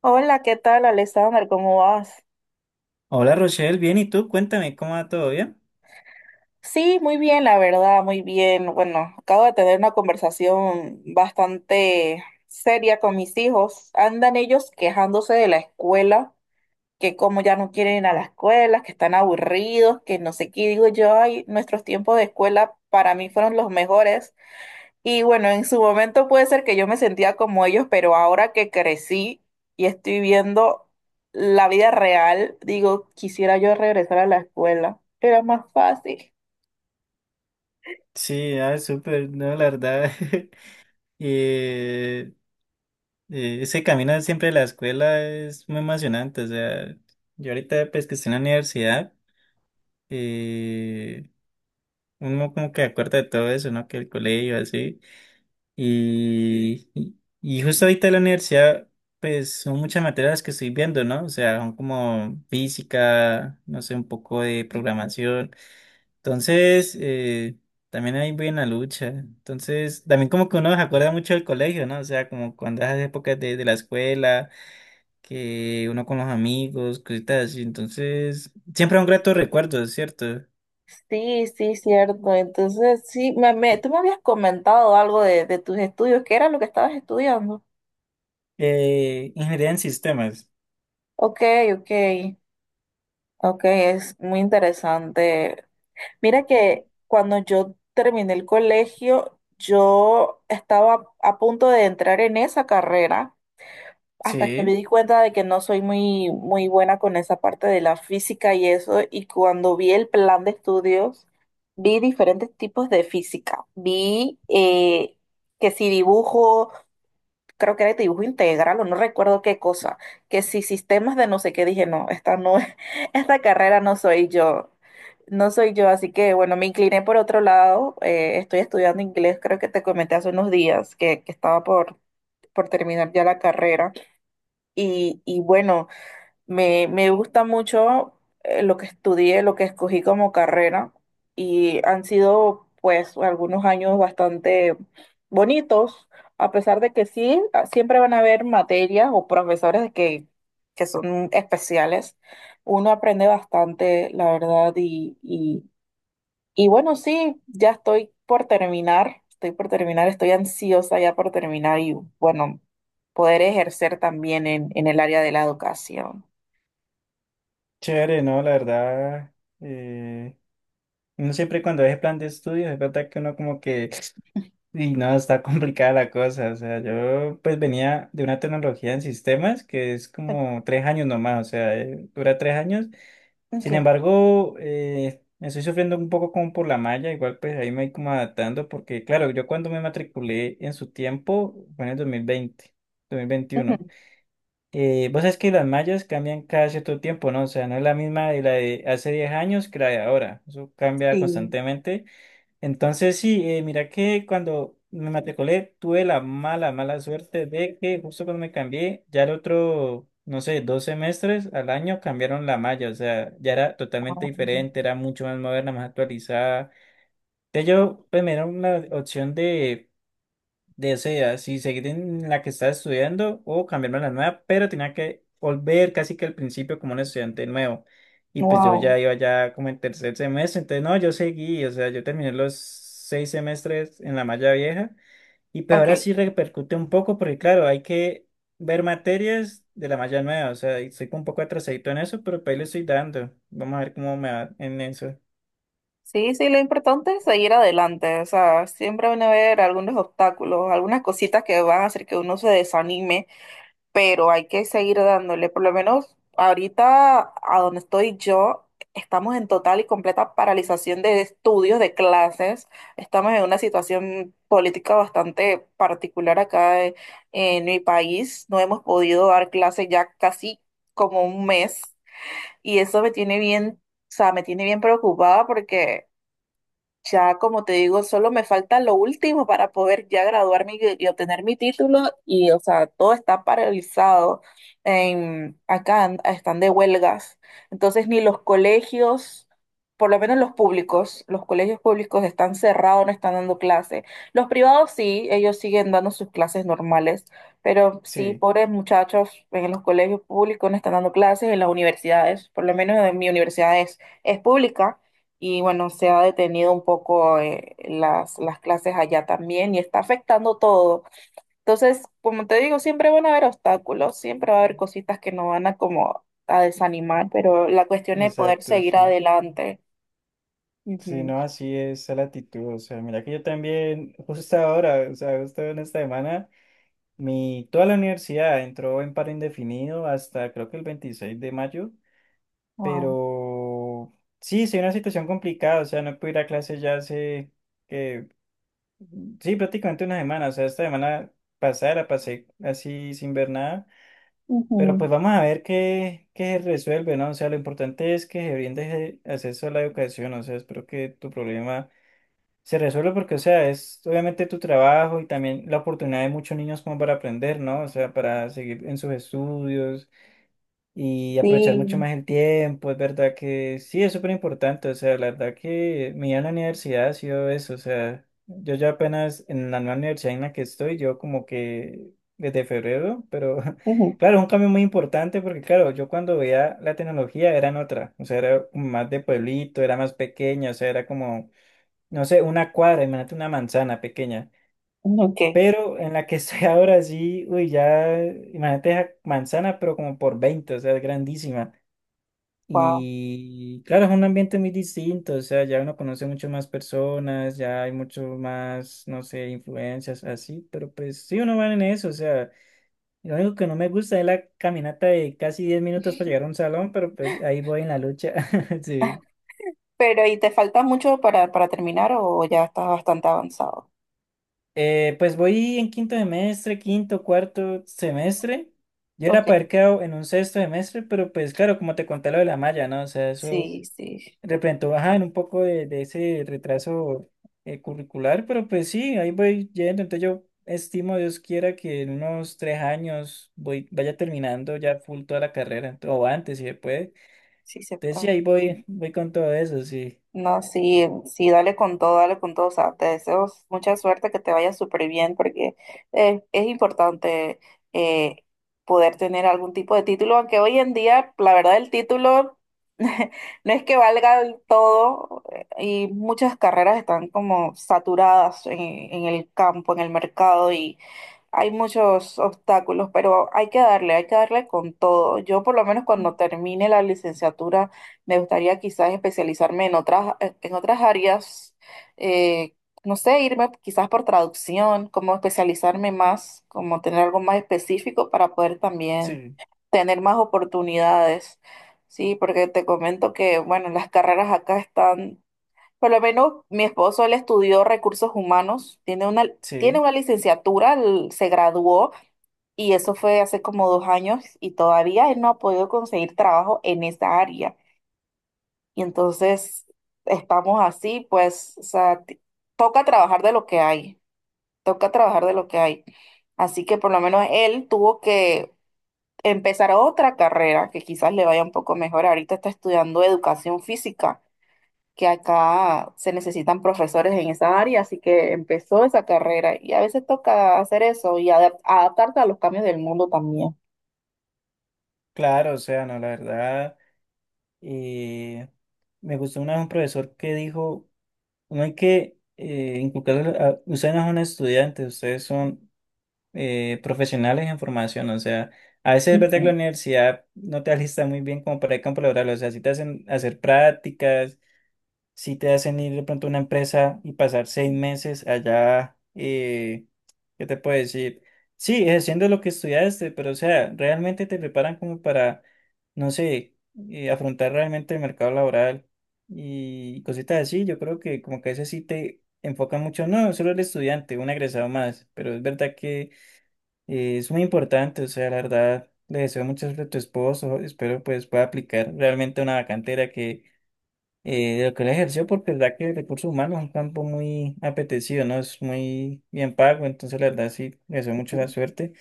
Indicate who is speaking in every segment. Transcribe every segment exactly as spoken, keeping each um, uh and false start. Speaker 1: Hola, ¿qué tal, Alexander? ¿Cómo vas?
Speaker 2: Hola Rochelle, bien, ¿y tú? Cuéntame, ¿cómo va todo bien?
Speaker 1: Sí, muy bien, la verdad, muy bien. Bueno, acabo de tener una conversación bastante seria con mis hijos. Andan ellos quejándose de la escuela, que como ya no quieren ir a la escuela, que están aburridos, que no sé qué. Y digo yo, ay, nuestros tiempos de escuela para mí fueron los mejores. Y bueno, en su momento puede ser que yo me sentía como ellos, pero ahora que crecí y estoy viendo la vida real, digo, quisiera yo regresar a la escuela. Era más fácil.
Speaker 2: Sí, ah, súper, no, la verdad. eh, eh, ese camino siempre de la escuela es muy emocionante. O sea, yo ahorita pues que estoy en la universidad, eh, uno como que acuerda de todo eso, ¿no? Que el colegio, así. Y, y, y justo ahorita en la universidad, pues son muchas materias que estoy viendo, ¿no? O sea, son como física, no sé, un poco de programación. Entonces, eh, también ahí voy la lucha. Entonces, también como que uno se acuerda mucho del colegio, ¿no? O sea, como cuando esas épocas de, de la escuela, que uno con los amigos, cositas así. Entonces, siempre un grato
Speaker 1: Sí,
Speaker 2: recuerdo, ¿cierto?
Speaker 1: sí, sí, cierto. Entonces, sí, me, me- tú me habías comentado algo de, de tus estudios, ¿qué era lo que estabas estudiando?
Speaker 2: Eh, ingeniería en sistemas.
Speaker 1: Ok, ok, ok, es muy interesante. Mira que cuando yo terminé el colegio, yo estaba a punto de entrar en esa carrera hasta que me
Speaker 2: Sí,
Speaker 1: di cuenta de que no soy muy, muy buena con esa parte de la física y eso. Y cuando vi el plan de estudios, vi diferentes tipos de física. Vi eh, que si dibujo, creo que era de dibujo integral o no recuerdo qué cosa, que si sistemas de no sé qué, dije, no, esta no es, esta carrera no soy yo, no soy yo, así que bueno, me incliné por otro lado, eh, estoy estudiando inglés, creo que te comenté hace unos días que, que estaba por, por terminar ya la carrera y, y bueno. Me, me gusta mucho eh, lo que estudié, lo que escogí como carrera y han sido pues algunos años bastante bonitos, a pesar de que sí, ah, siempre van a haber materias o profesores que, que son especiales. Uno aprende bastante, la verdad, y, y, y bueno, sí, ya estoy por terminar, estoy por terminar, estoy ansiosa ya por terminar y bueno, poder ejercer también en en el área de la educación.
Speaker 2: chévere, ¿no? La verdad, eh, uno siempre cuando es plan de estudios, es verdad que uno como que y no, está complicada la cosa. O sea, yo pues venía de una tecnología en sistemas que es como tres años nomás, o sea, eh, dura tres años. Sin
Speaker 1: Okay.
Speaker 2: embargo, eh, me estoy sufriendo un poco como por la malla, igual pues ahí me voy como adaptando porque claro, yo cuando me matriculé en su tiempo fue en el dos mil veinte,
Speaker 1: Ujú.
Speaker 2: dos mil veintiuno. Eh, vos sabés que las mallas cambian cada cierto tiempo, ¿no? O sea, no es la misma de la de hace diez años que la de ahora. Eso cambia
Speaker 1: Sí.
Speaker 2: constantemente. Entonces, sí, eh, mira que cuando me matriculé tuve la mala, mala suerte de que justo cuando me cambié, ya el otro, no sé, dos semestres al año cambiaron la malla, o sea, ya era totalmente diferente, era mucho más moderna, más actualizada. Entonces yo, pues me dieron una opción de desea si seguir en la que está estudiando o cambiarme a la nueva, pero tenía que volver casi que al principio como un estudiante nuevo. Y pues yo
Speaker 1: Wow.
Speaker 2: ya iba ya como en tercer semestre, entonces no, yo seguí, o sea, yo terminé los seis semestres en la malla vieja y pues ahora sí
Speaker 1: Okay.
Speaker 2: repercute un poco porque claro, hay que ver materias de la malla nueva, o sea, y estoy un poco atrasadito en eso, pero pues ahí le estoy dando. Vamos a ver cómo me va en eso.
Speaker 1: Sí, sí, lo importante es seguir adelante. O sea, siempre van a haber algunos obstáculos, algunas cositas que van a hacer que uno se desanime, pero hay que seguir dándole. Por lo menos ahorita, a donde estoy yo, estamos en total y completa paralización de estudios, de clases. Estamos en una situación política bastante particular acá en en mi país. No hemos podido dar clases ya casi como un mes. Y eso me tiene bien, o sea, me tiene bien preocupada porque ya, como te digo, solo me falta lo último para poder ya graduarme y, y obtener mi título y, o sea, todo está paralizado. En, acá an- están de huelgas. Entonces, ni los colegios, por lo menos los públicos, los colegios públicos están cerrados, no están dando clases. Los privados sí, ellos siguen dando sus clases normales, pero sí,
Speaker 2: Sí,
Speaker 1: pobres muchachos en los colegios públicos no están dando clases, en las universidades, por lo menos en mi universidad es, es pública y bueno, se ha detenido un poco eh, las, las clases allá también y está afectando todo. Entonces, como te digo, siempre van a haber obstáculos, siempre va a haber cositas que nos van a como a desanimar, pero la cuestión es poder
Speaker 2: exacto,
Speaker 1: seguir
Speaker 2: sí.
Speaker 1: adelante.
Speaker 2: Sí,
Speaker 1: Ujú.
Speaker 2: no, así es la actitud. O sea, mira que yo también, justo ahora, o sea, justo en esta semana, mi, toda la universidad entró en paro indefinido hasta creo que el veintiséis de mayo,
Speaker 1: Wow.
Speaker 2: pero sí, sí, una situación complicada. O sea, no pude ir a clase ya hace, que, sí, prácticamente una semana. O sea, esta semana pasada la pasé así sin ver nada, pero
Speaker 1: Ujú.
Speaker 2: pues vamos a ver qué, qué se resuelve, ¿no? O sea, lo importante es que se brinde ese acceso a la educación. O sea, espero que tu problema se resuelve porque, o sea, es obviamente tu trabajo y también la oportunidad de muchos niños como para aprender, ¿no? O sea, para seguir en sus estudios y aprovechar mucho
Speaker 1: Sí.
Speaker 2: más el tiempo. Es verdad que sí, es súper importante. O sea, la verdad que mi vida en la universidad ha sido eso. O sea, yo ya apenas en la nueva universidad en la que estoy, yo como que desde febrero, pero
Speaker 1: Ujú.
Speaker 2: claro, es un cambio muy importante porque, claro, yo cuando veía la tecnología era en otra. O sea, era como más de pueblito, era más pequeña, o sea, era como no sé, una cuadra, imagínate una manzana pequeña.
Speaker 1: Ok,
Speaker 2: Pero en la que estoy ahora sí, uy, ya, imagínate esa manzana, pero como por veinte o sea, es grandísima.
Speaker 1: wow.
Speaker 2: Y claro, es un ambiente muy distinto, o sea, ya uno conoce mucho más personas, ya hay mucho más, no sé, influencias así, pero pues sí, uno va en eso, o sea, lo único que no me gusta es la caminata de casi diez minutos para llegar a un salón, pero pues ahí voy en la lucha, sí.
Speaker 1: Pero, ¿y te falta mucho para, para terminar o ya estás bastante avanzado?
Speaker 2: Eh, pues voy en quinto semestre, quinto, cuarto semestre. Yo era
Speaker 1: Ok,
Speaker 2: para haber quedado en un sexto semestre, pero pues claro, como te conté lo de la malla, ¿no? O sea, eso
Speaker 1: sí, sí,
Speaker 2: representó bajar en un poco de, de ese retraso eh, curricular, pero pues sí, ahí voy yendo. Entonces yo estimo, Dios quiera, que en unos tres años voy, vaya terminando ya full toda la carrera, ent- o antes si se puede.
Speaker 1: sí se
Speaker 2: Entonces
Speaker 1: puede.
Speaker 2: sí, ahí
Speaker 1: Ok.
Speaker 2: voy, voy con todo eso, sí.
Speaker 1: No, sí, sí, dale con todo, dale con todo. O sea, te deseo mucha suerte, que te vaya súper bien, porque eh, es importante eh, poder tener algún tipo de título, aunque hoy en día, la verdad, el título no es que valga del todo eh, y muchas carreras están como saturadas en, en el campo, en el mercado hay muchos obstáculos, pero hay que darle, hay que darle con todo. Yo por lo menos cuando termine la licenciatura me gustaría quizás especializarme en otras, en otras áreas, eh, no sé, irme quizás por traducción, como especializarme más, como tener algo más específico para poder también
Speaker 2: Sí,
Speaker 1: tener más oportunidades. Sí, porque te comento que, bueno, las carreras acá están por lo menos mi esposo, él estudió recursos humanos, tiene una, tiene
Speaker 2: sí,
Speaker 1: una licenciatura, él se graduó y eso fue hace como dos años y todavía él no ha podido conseguir trabajo en esa área. Y entonces estamos así, pues, o sea, t- toca trabajar de lo que hay, toca trabajar de lo que hay. Así que por lo menos él tuvo que empezar otra carrera que quizás le vaya un poco mejor. Ahorita está estudiando educación física que acá se necesitan profesores en esa área, así que empezó esa carrera y a veces toca hacer eso y adap- adaptarte a los cambios del mundo también.
Speaker 2: claro, o sea, no, la verdad. Eh, me gustó una vez un profesor que dijo, no hay que eh, inculcarle a- ustedes no son estudiantes, ustedes son eh, profesionales en formación, o sea, a veces es verdad que la
Speaker 1: Ujú.
Speaker 2: universidad no te alista muy bien como para el campo laboral, o sea, si te hacen hacer prácticas, si te hacen ir de pronto a una empresa y pasar seis meses allá, eh, ¿qué te puedo decir? Sí, haciendo lo que estudiaste, pero o sea, realmente te preparan como para, no sé, eh, afrontar realmente el mercado laboral y cositas así. Yo creo que como que a veces sí te enfocan mucho, no, solo el estudiante, un egresado más, pero es verdad que eh, es muy importante, o sea, la verdad. Le deseo mucha suerte a tu esposo, espero pues pueda aplicar realmente una vacantera eh, de lo que él ejerció, porque la verdad que recursos humanos es un campo muy apetecido, ¿no? Es muy bien pago, entonces la verdad sí, le deseo mucho la suerte.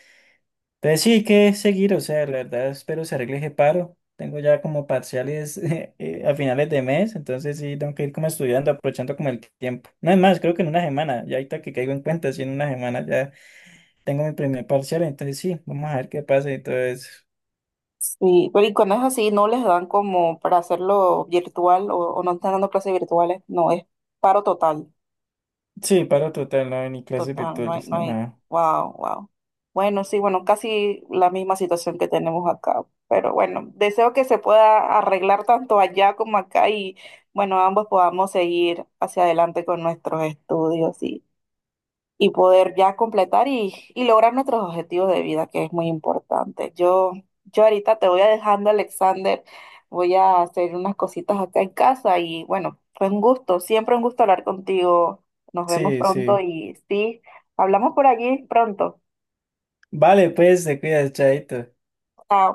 Speaker 2: Entonces sí, hay que seguir, o sea, la verdad espero se arregle ese paro. Tengo ya como parciales eh, eh, a finales de mes, entonces sí, tengo que ir como estudiando, aprovechando como el tiempo. No es más, creo que en una semana, ya ahorita que caigo en cuenta, sí, en una semana ya tengo mi primer parcial, entonces sí, vamos a ver qué pasa y todo eso.
Speaker 1: Sí, pero y cuando es así, no les dan como para hacerlo virtual o, o no están dando clases virtuales, no, es paro total.
Speaker 2: Sí, paro total, no hay ni clases
Speaker 1: Total, no hay,
Speaker 2: virtuales,
Speaker 1: no
Speaker 2: ni
Speaker 1: hay,
Speaker 2: nada.
Speaker 1: wow, wow. Bueno, sí, bueno, casi la misma situación que tenemos acá, pero bueno, deseo que se pueda arreglar tanto allá como acá y bueno, ambos podamos seguir hacia adelante con nuestros estudios y poder ya completar y, y lograr nuestros objetivos de vida, que es muy importante. Yo, yo ahorita te voy a dejando, Alexander. Voy a hacer unas cositas acá en casa y bueno, fue un gusto, siempre un gusto hablar contigo. Nos vemos
Speaker 2: Sí,
Speaker 1: pronto
Speaker 2: sí.
Speaker 1: y sí, hablamos por allí pronto.
Speaker 2: Vale, pues, te cuidas, chaito.
Speaker 1: Chao.